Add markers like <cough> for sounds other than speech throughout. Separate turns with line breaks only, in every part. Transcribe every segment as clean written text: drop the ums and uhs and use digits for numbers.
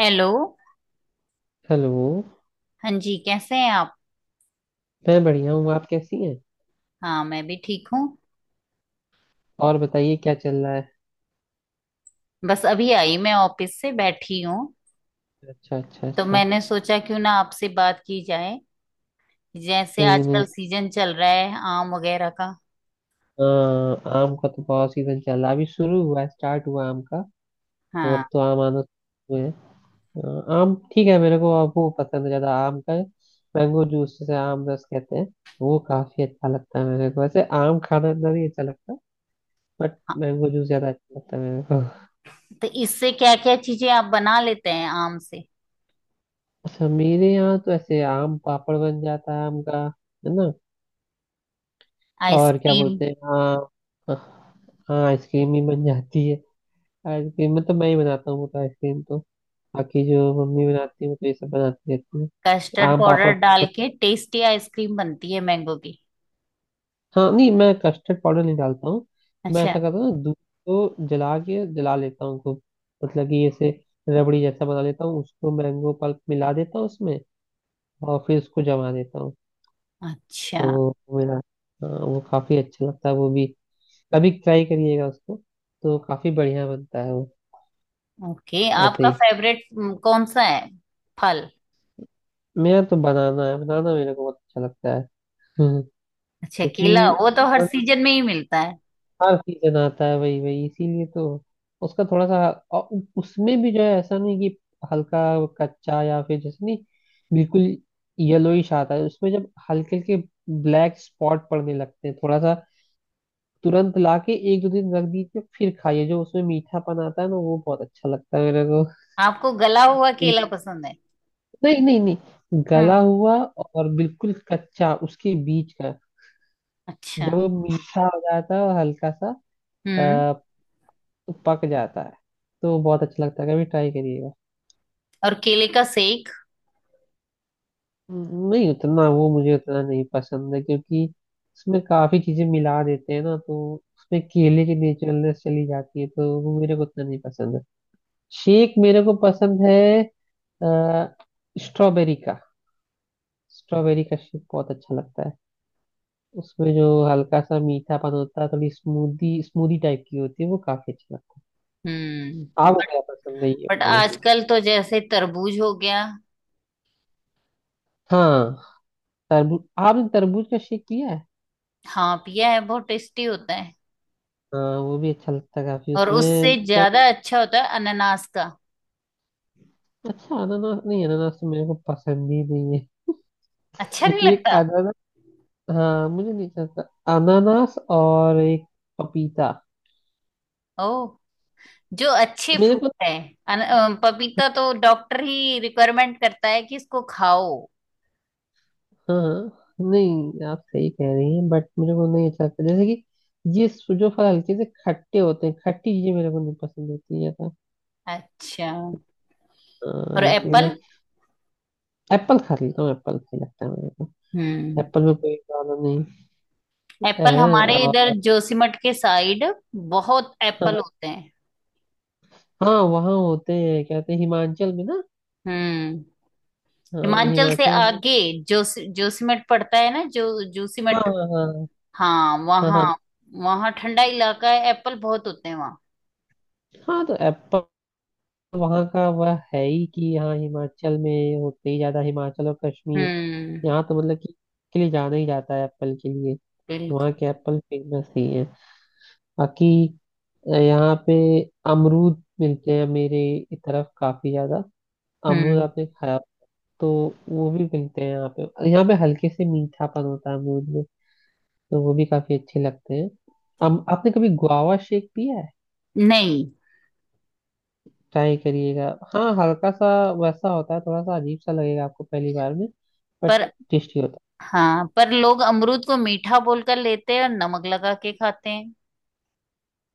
Hello.
Hello.
हाँ जी, कैसे हैं आप?
मैं बढ़िया हूँ। आप कैसी हैं?
हाँ, मैं भी ठीक हूँ।
और बताइए क्या चल रहा है?
बस अभी आई, मैं ऑफिस से बैठी हूँ।
अच्छा अच्छा
तो
अच्छा।
मैंने सोचा क्यों ना आपसे बात की जाए। जैसे
नहीं
आजकल
नहीं।
सीजन चल रहा है आम वगैरह का।
हाँ आम का तो बहुत सीजन चल रहा है, अभी शुरू हुआ है, स्टार्ट हुआ आम का। तो अब
हाँ।
तो आम आना शुरू हुए हैं। हाँ, आम ठीक है, मेरे को अब वो पसंद है ज़्यादा आम का। मैंगो जूस जिसे आम रस कहते हैं, वो काफ़ी अच्छा लगता है मेरे को। वैसे आम खाना इतना नहीं अच्छा लगता, बट
हाँ।
मैंगो जूस ज़्यादा अच्छा लगता है मेरे को।
तो इससे क्या क्या चीजें आप बना लेते हैं आम से?
अच्छा, मेरे यहाँ तो ऐसे आम पापड़ बन जाता है आम का। है ना। और क्या
आइसक्रीम।
बोलते हैं, हाँ। हाँ आइसक्रीम ही बन जाती है। आइसक्रीम में तो मैं ही बनाता हूँ वो, तो आइसक्रीम तो बाकी जो मम्मी बनाती है वो, तो ये सब बनाती रहती है।
कस्टर्ड
आम पापड़
पाउडर डाल
पापड़।
के टेस्टी आइसक्रीम बनती है मैंगो की।
हाँ, नहीं मैं कस्टर्ड पाउडर नहीं डालता हूँ। मैं ऐसा
अच्छा।
करता हूँ ना, दूध को जला के जला लेता हूँ खूब। मतलब कि ऐसे रबड़ी जैसा बना लेता हूँ उसको, मैंगो पल्प मिला देता हूँ उसमें, और फिर उसको जमा देता हूँ।
अच्छा,
तो वो मेरा। हाँ, वो काफी अच्छा लगता है वो भी, कभी ट्राई करिएगा उसको, तो काफी बढ़िया बनता है वो,
ओके।
ऐसे
आपका
ही।
फेवरेट कौन सा है फल?
मेरा तो बनाना है, बनाना मेरे को बहुत अच्छा लगता है। <laughs> हम्म।
अच्छा, केला
क्योंकि
वो तो हर
बनाना
सीजन में ही मिलता है।
हर सीजन आता है, वही वही इसीलिए तो उसका थोड़ा सा। और उसमें भी जो है ऐसा नहीं कि हल्का कच्चा या फिर जैसे, नहीं बिल्कुल येलोइश आता है उसमें, जब हल्के हल्के ब्लैक स्पॉट पड़ने लगते हैं थोड़ा सा, तुरंत लाके एक दो दिन रख दीजिए, फिर खाइए, जो उसमें मीठापन आता है ना, वो बहुत अच्छा लगता है मेरे को।
आपको गला हुआ केला पसंद है?
नहीं नहीं नहीं।
हम्म।
गला हुआ और बिल्कुल कच्चा उसके बीच का,
अच्छा।
जब वो मीठा हो जाता है और हल्का सा
हम्म।
अ, पक जाता है, तो बहुत अच्छा लगता है, कभी ट्राई करिएगा।
और केले का सेक?
नहीं उतना वो मुझे उतना नहीं पसंद है, क्योंकि उसमें काफी चीजें मिला देते हैं ना, तो उसमें केले की नेचुरलनेस चली जाती है, तो वो मेरे को उतना नहीं पसंद है। शेक मेरे को पसंद है, अ, स्ट्रॉबेरी का। स्ट्रॉबेरी का शेक बहुत अच्छा लगता है, उसमें जो हल्का सा मीठापन होता है, थोड़ी स्मूदी स्मूदी टाइप की होती है, वो काफी अच्छा लगता है।
हम्म।
आपको
बट
क्या पसंद नहीं है ये
बट
बताइए?
आजकल तो जैसे तरबूज हो गया।
हाँ, तरबूज। आपने तरबूज का शेक पिया है?
हाँ पिया है, बहुत टेस्टी होता है।
हाँ वो भी अच्छा लगता है काफी,
और उससे
उसमें क्या।
ज्यादा अच्छा होता है अनानास का।
अच्छा अनानास नहीं, अनानास तो मेरे को पसंद ही नहीं है।
अच्छा,
<laughs>
नहीं
एक
लगता?
अनानास। हाँ मुझे नहीं चलता। अनानास और एक पपीता।
ओ, जो अच्छे
मेरे
फ्रूट
को
है। पपीता तो डॉक्टर ही रिक्वायरमेंट करता है कि इसको खाओ।
हाँ। नहीं, आप सही कह रही हैं, बट मेरे को नहीं अच्छा लगता, जैसे कि ये जो फल हल्के से खट्टे होते हैं, खट्टी चीजें मेरे को नहीं पसंद होती है ज्यादा।
अच्छा।
हाँ,
और
इसलिए।
एप्पल?
एप्पल खा लेता हूँ, एप्पल सही लगता है मेरे को।
हम्म।
एप्पल में कोई प्रॉब्लम नहीं है
एप्पल हमारे इधर
और।
जोशीमठ के साइड बहुत
हाँ,
एप्पल होते हैं।
हाँ वहाँ होते हैं, क्या कहते हैं हिमाचल में ना।
हम्म।
हाँ
हिमाचल से
हिमाचल में।
आगे जोस जोशीमठ पड़ता है ना, जो
हाँ
जोशीमठ।
हाँ।
हाँ
हाँ
वहाँ,
हाँ।
वहाँ ठंडा इलाका है, एप्पल बहुत होते हैं वहाँ।
हाँ तो एप्पल वहाँ का वह है ही कि, हाँ हिमाचल में होते ही ज्यादा, हिमाचल और कश्मीर।
हम्म।
यहाँ तो मतलब कि के लिए जाना ही जाता है एप्पल के लिए। वहाँ
बिल्कुल।
के एप्पल फेमस ही है। बाकी यहाँ पे अमरूद मिलते हैं मेरे इस तरफ काफी ज्यादा। अमरूद
हम्म।
आपने खाया। तो वो भी मिलते हैं यहाँ पे, यहाँ पे हल्के से मीठापन होता है अमरूद में, तो वो भी काफी अच्छे लगते हैं। आपने कभी गुआवा शेक पिया है?
नहीं।
ट्राई करिएगा। हाँ हल्का सा वैसा होता है, थोड़ा सा अजीब सा लगेगा आपको पहली बार में, बट
पर
टेस्टी होता
हाँ, पर लोग अमरूद को मीठा बोलकर लेते हैं और नमक लगा के खाते हैं।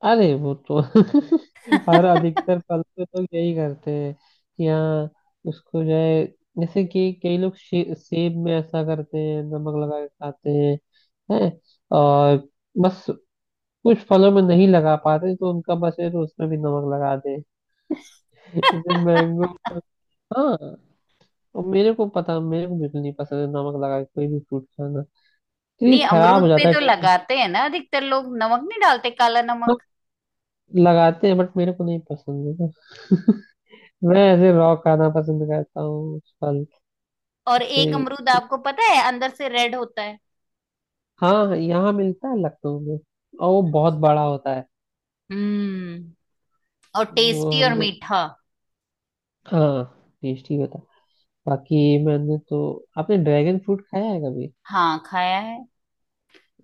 है। अरे वो तो <laughs> और
<laughs>
अधिकतर फल पे तो यही करते हैं कि, हाँ उसको जो है, जैसे कि कई लोग सेब में ऐसा करते हैं, नमक लगा के खाते हैं है। और बस कुछ फलों में नहीं लगा पाते, तो उनका बस है तो उसमें भी नमक लगा दे। <laughs> जैसे मैंगो। हाँ। और मेरे को पता, मेरे को बिल्कुल नहीं पसंद है नमक लगा के कोई भी फ्रूट खाना,
नहीं,
क्योंकि खराब
अमरूद
हो
पे
जाता है
तो
taste।
लगाते हैं ना अधिकतर लोग नमक, नहीं डालते काला
हम
नमक।
लगाते हैं बट मेरे को नहीं पसंद है ना। मैं ऐसे रॉ खाना पसंद करता हूँ फल
और एक
से।
अमरूद आपको पता है अंदर से रेड होता है।
हाँ यहाँ मिलता है लखनऊ में, और वो बहुत बड़ा होता है।
हम्म। और
वो
टेस्टी और
हमने।
मीठा।
हाँ टेस्टी होता है। बाकी मैंने तो। आपने ड्रैगन फ्रूट खाया है कभी?
हाँ खाया है।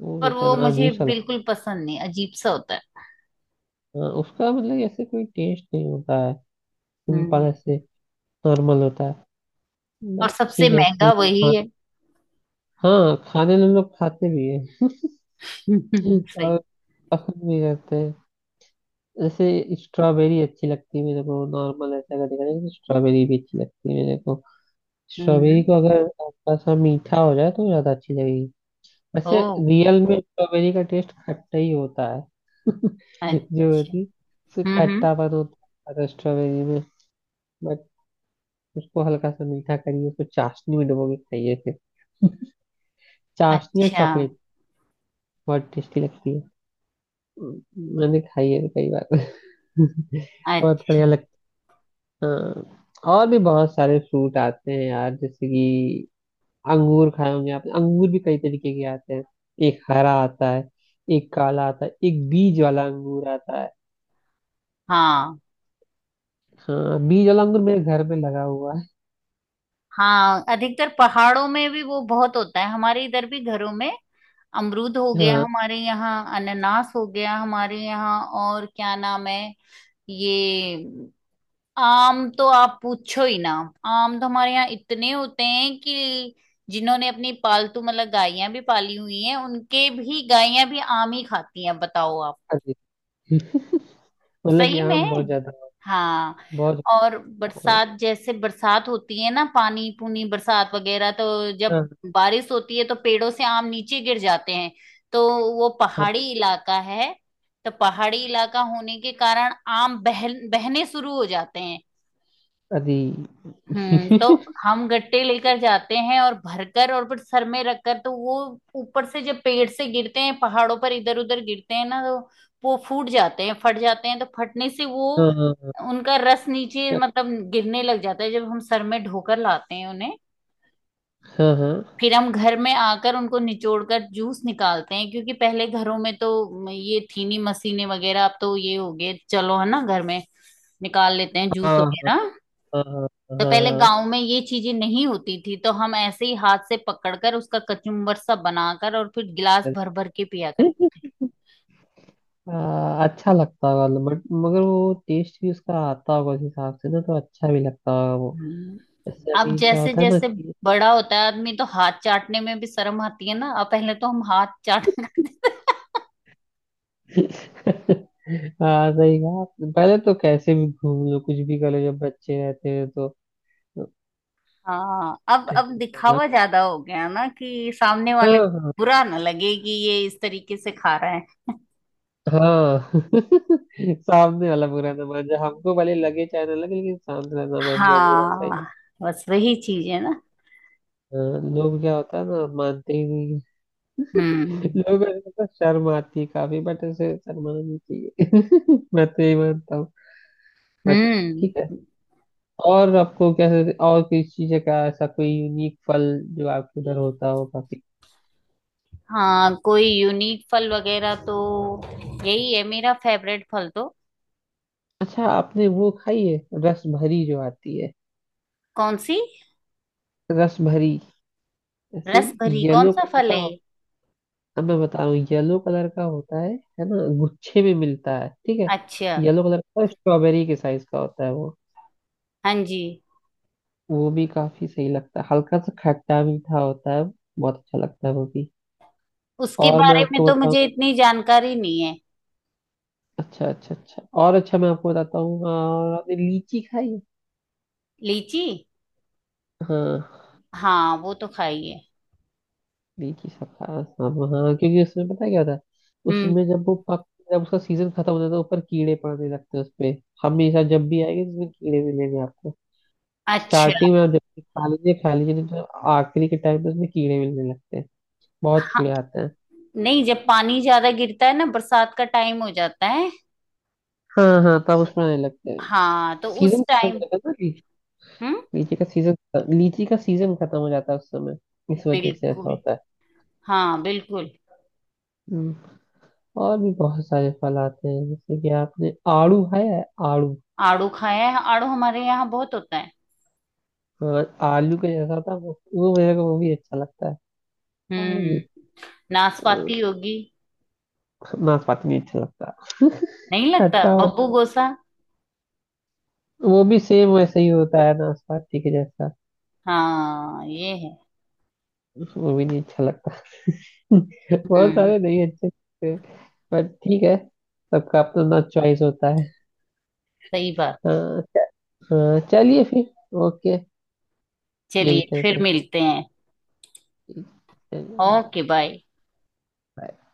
वो
पर वो
इतना
मुझे
अजीब सा
बिल्कुल पसंद नहीं, अजीब सा होता है।
लगता है उसका, मतलब ऐसे कोई टेस्ट नहीं होता है, सिंपल
हम्म।
ऐसे नॉर्मल होता है।
और
बट
सबसे
ठीक
महंगा
है।
वही है। <laughs>
हाँ खाने में हम लोग खाते भी हैं
सही।
और पसंद भी करते हैं। जैसे स्ट्रॉबेरी अच्छी लगती है मेरे को नॉर्मल, ऐसा अगर देखा जाए तो स्ट्रॉबेरी भी अच्छी लगती है मेरे को।
हम्म।
स्ट्रॉबेरी को अगर थोड़ा सा मीठा हो जाए तो ज्यादा अच्छी लगेगी। वैसे
ओ।
रियल में स्ट्रॉबेरी का टेस्ट खट्टा ही होता है। <laughs> जो
अच्छा।
होती है, उससे
हम्म, हम्म।
खट्टापन होता है स्ट्रॉबेरी में। बट उसको हल्का सा मीठा करिए, उसको चाशनी में डुबो के खाइए फिर, चाशनी और
अच्छा।
चॉकलेट, बहुत टेस्टी लगती है। मैंने खाई है कई बार। <laughs> बहुत
अच्छा।
बढ़िया लगता। हाँ और भी बहुत सारे फ्रूट आते हैं यार, जैसे कि अंगूर खाए होंगे आपने, अंगूर भी कई तरीके के आते हैं। एक हरा आता है, एक काला आता है, एक बीज वाला अंगूर आता है।
हाँ।
हाँ बीज वाला अंगूर मेरे घर में लगा हुआ है।
हाँ, अधिकतर पहाड़ों में भी वो बहुत होता है, हमारे इधर भी घरों में। अमरूद हो गया
हाँ।
हमारे यहाँ, अनानास हो गया हमारे यहाँ, और क्या नाम है ये। आम तो आप पूछो ही ना। आम तो हमारे यहाँ इतने होते हैं कि जिन्होंने अपनी पालतू मतलब गायें भी पाली हुई हैं, उनके भी गायें भी आम ही खाती हैं, बताओ आप।
अरे, मतलब कि
सही
आम
में।
बहुत ज्यादा,
हाँ।
बहुत।
और
हाँ
बरसात, जैसे बरसात होती है ना, पानी पूनी बरसात वगैरह, तो जब
हाँ।
बारिश होती है तो पेड़ों से आम नीचे गिर जाते हैं। तो वो
हाँ,
पहाड़ी इलाका है, तो पहाड़ी इलाका होने के कारण आम बह बहने शुरू हो जाते हैं।
अरे।
हम्म। तो
<laughs>
क्योंकि हम गट्टे लेकर जाते हैं और भरकर और फिर सर में रखकर, तो वो ऊपर से जब पेड़ से गिरते हैं, पहाड़ों पर इधर उधर गिरते हैं ना, तो वो फूट जाते हैं, फट जाते हैं, तो फटने से वो,
हाँ हाँ।
उनका रस नीचे मतलब गिरने लग जाता है जब हम सर में ढोकर लाते हैं उन्हें।
हाँ हाँ।
फिर हम घर में आकर उनको निचोड़ कर जूस निकालते हैं, क्योंकि पहले घरों में तो ये थी नहीं मशीनें वगैरह, अब तो ये हो गए चलो, है ना, घर में निकाल लेते हैं जूस
हाँ हाँ।
वगैरह।
हाँ हाँ,
तो पहले गांव
हाँ,
में ये चीजें नहीं होती थी, तो हम ऐसे ही हाथ से पकड़कर उसका कचुम्बर सा बनाकर और फिर गिलास
हाँ,
भर भर के पिया करते।
हाँ, अच्छा लगता होगा, बट मगर वो टेस्ट भी उसका आता होगा उस हिसाब से ना, तो अच्छा भी लगता होगा वो।
हम्म।
जैसे
अब
अभी क्या
जैसे
होता है ना
जैसे
कि
बड़ा होता है आदमी, तो हाथ चाटने में भी शर्म आती है ना, अब पहले तो हम हाथ चाट। <laughs>
<laughs> हाँ सही कहा आपने। पहले तो कैसे भी घूम लो, कुछ भी कर लो, जब बच्चे रहते हैं तो।
हाँ, अब दिखावा ज्यादा हो गया ना कि सामने
हाँ
वाले को
हाँ।
बुरा ना लगे कि ये इस तरीके से खा रहा है।
हाँ। <laughs> सामने वाला बुरा ना मान जाए, हमको भले लगे चाहे ना लगे, लेकिन सामने वाला ना मान जाए बुरा, सही।
हाँ, बस वही चीज है ना।
हाँ, लोग क्या होता है ना, मानते ही नहीं।
हम्म।
लोगों को तो शर्म आती है काफी, बट ऐसे शर्माना नहीं चाहिए। <laughs> मैं तो यही मानता हूँ। बट
हम्म।
ठीक है। और आपको कैसे, और कोई चीज का ऐसा कोई यूनिक फल जो आपके उधर होता हो काफी।
हाँ, कोई यूनिक फल वगैरह तो यही है मेरा फेवरेट फल तो।
अच्छा आपने वो खाई है, रस भरी जो आती है?
कौन सी?
रस भरी ऐसे।
रस भरी कौन
येलो
सा
कलर
फल
का
है
हो-
ये?
अब मैं बता रहा हूँ येलो कलर का होता है ना, गुच्छे में मिलता है, ठीक है।
अच्छा।
येलो कलर का स्ट्रॉबेरी के साइज का होता है वो।
हाँ जी।
वो भी काफी सही लगता है, हल्का सा खट्टा मीठा होता है, बहुत अच्छा लगता है वो भी।
उसके
और मैं
बारे में
आपको
तो
बताऊं।
मुझे इतनी जानकारी नहीं है।
अच्छा अच्छा अच्छा, और अच्छा मैं आपको बताता हूँ, और आपने लीची खाई है?
लीची?
हाँ
हाँ, वो तो खाई है।
लीची सब खा, सब हाँ क्योंकि उसमें पता है क्या होता है,
हम्म।
उसमें जब वो पक, जब उसका सीजन खत्म हो जाता है तो ऊपर कीड़े पड़ने लगते हैं उसपे। हमेशा जब भी आएंगे तो उसमें कीड़े मिलेंगे आपको।
अच्छा।
स्टार्टिंग में आप जब भी खा लीजिए खा लीजिए, नहीं तो आखिरी के टाइम पे उसमें कीड़े मिलने लगते हैं, बहुत
हाँ।
कीड़े आते हैं।
नहीं, जब पानी ज्यादा गिरता है ना, बरसात का टाइम हो जाता है।
हाँ हाँ तब उसमें आने लगते हैं।
हाँ, तो उस
सीजन खत्म हो
टाइम।
जाता है ना,
हम्म।
लीची का सीजन। लीची का सीजन खत्म हो जाता है उस समय, इस वजह से ऐसा
बिल्कुल।
होता है।
हाँ, बिल्कुल।
हम्म। और भी बहुत सारे फल आते हैं जैसे कि आपने आड़ू खाया है? आड़ू।
आड़ू खाया है, आड़ू हमारे यहाँ बहुत होता है।
हाँ, आलू का जैसा होता है वो मेरे को वो भी अच्छा लगता है, आड़ू भी।
हम्म।
अ,
नाशपाती होगी।
नाशपाती भी अच्छा लगता है।
नहीं लगता
खट्टा होता
बब्बू गोसा।
है। वो भी सेम वैसे ही होता है नाशपाती के जैसा।
हाँ ये है।
वो भी नहीं अच्छा लगता। <laughs> बहुत
हम्म।
सारे नहीं अच्छे लगते, पर ठीक है, सबका अपना अपना चॉइस होता है।
सही बात।
हाँ। हाँ चलिए फिर। ओके।
चलिए
मिलते हैं
फिर
फिर।
मिलते हैं।
then but।
Okay bye.
but।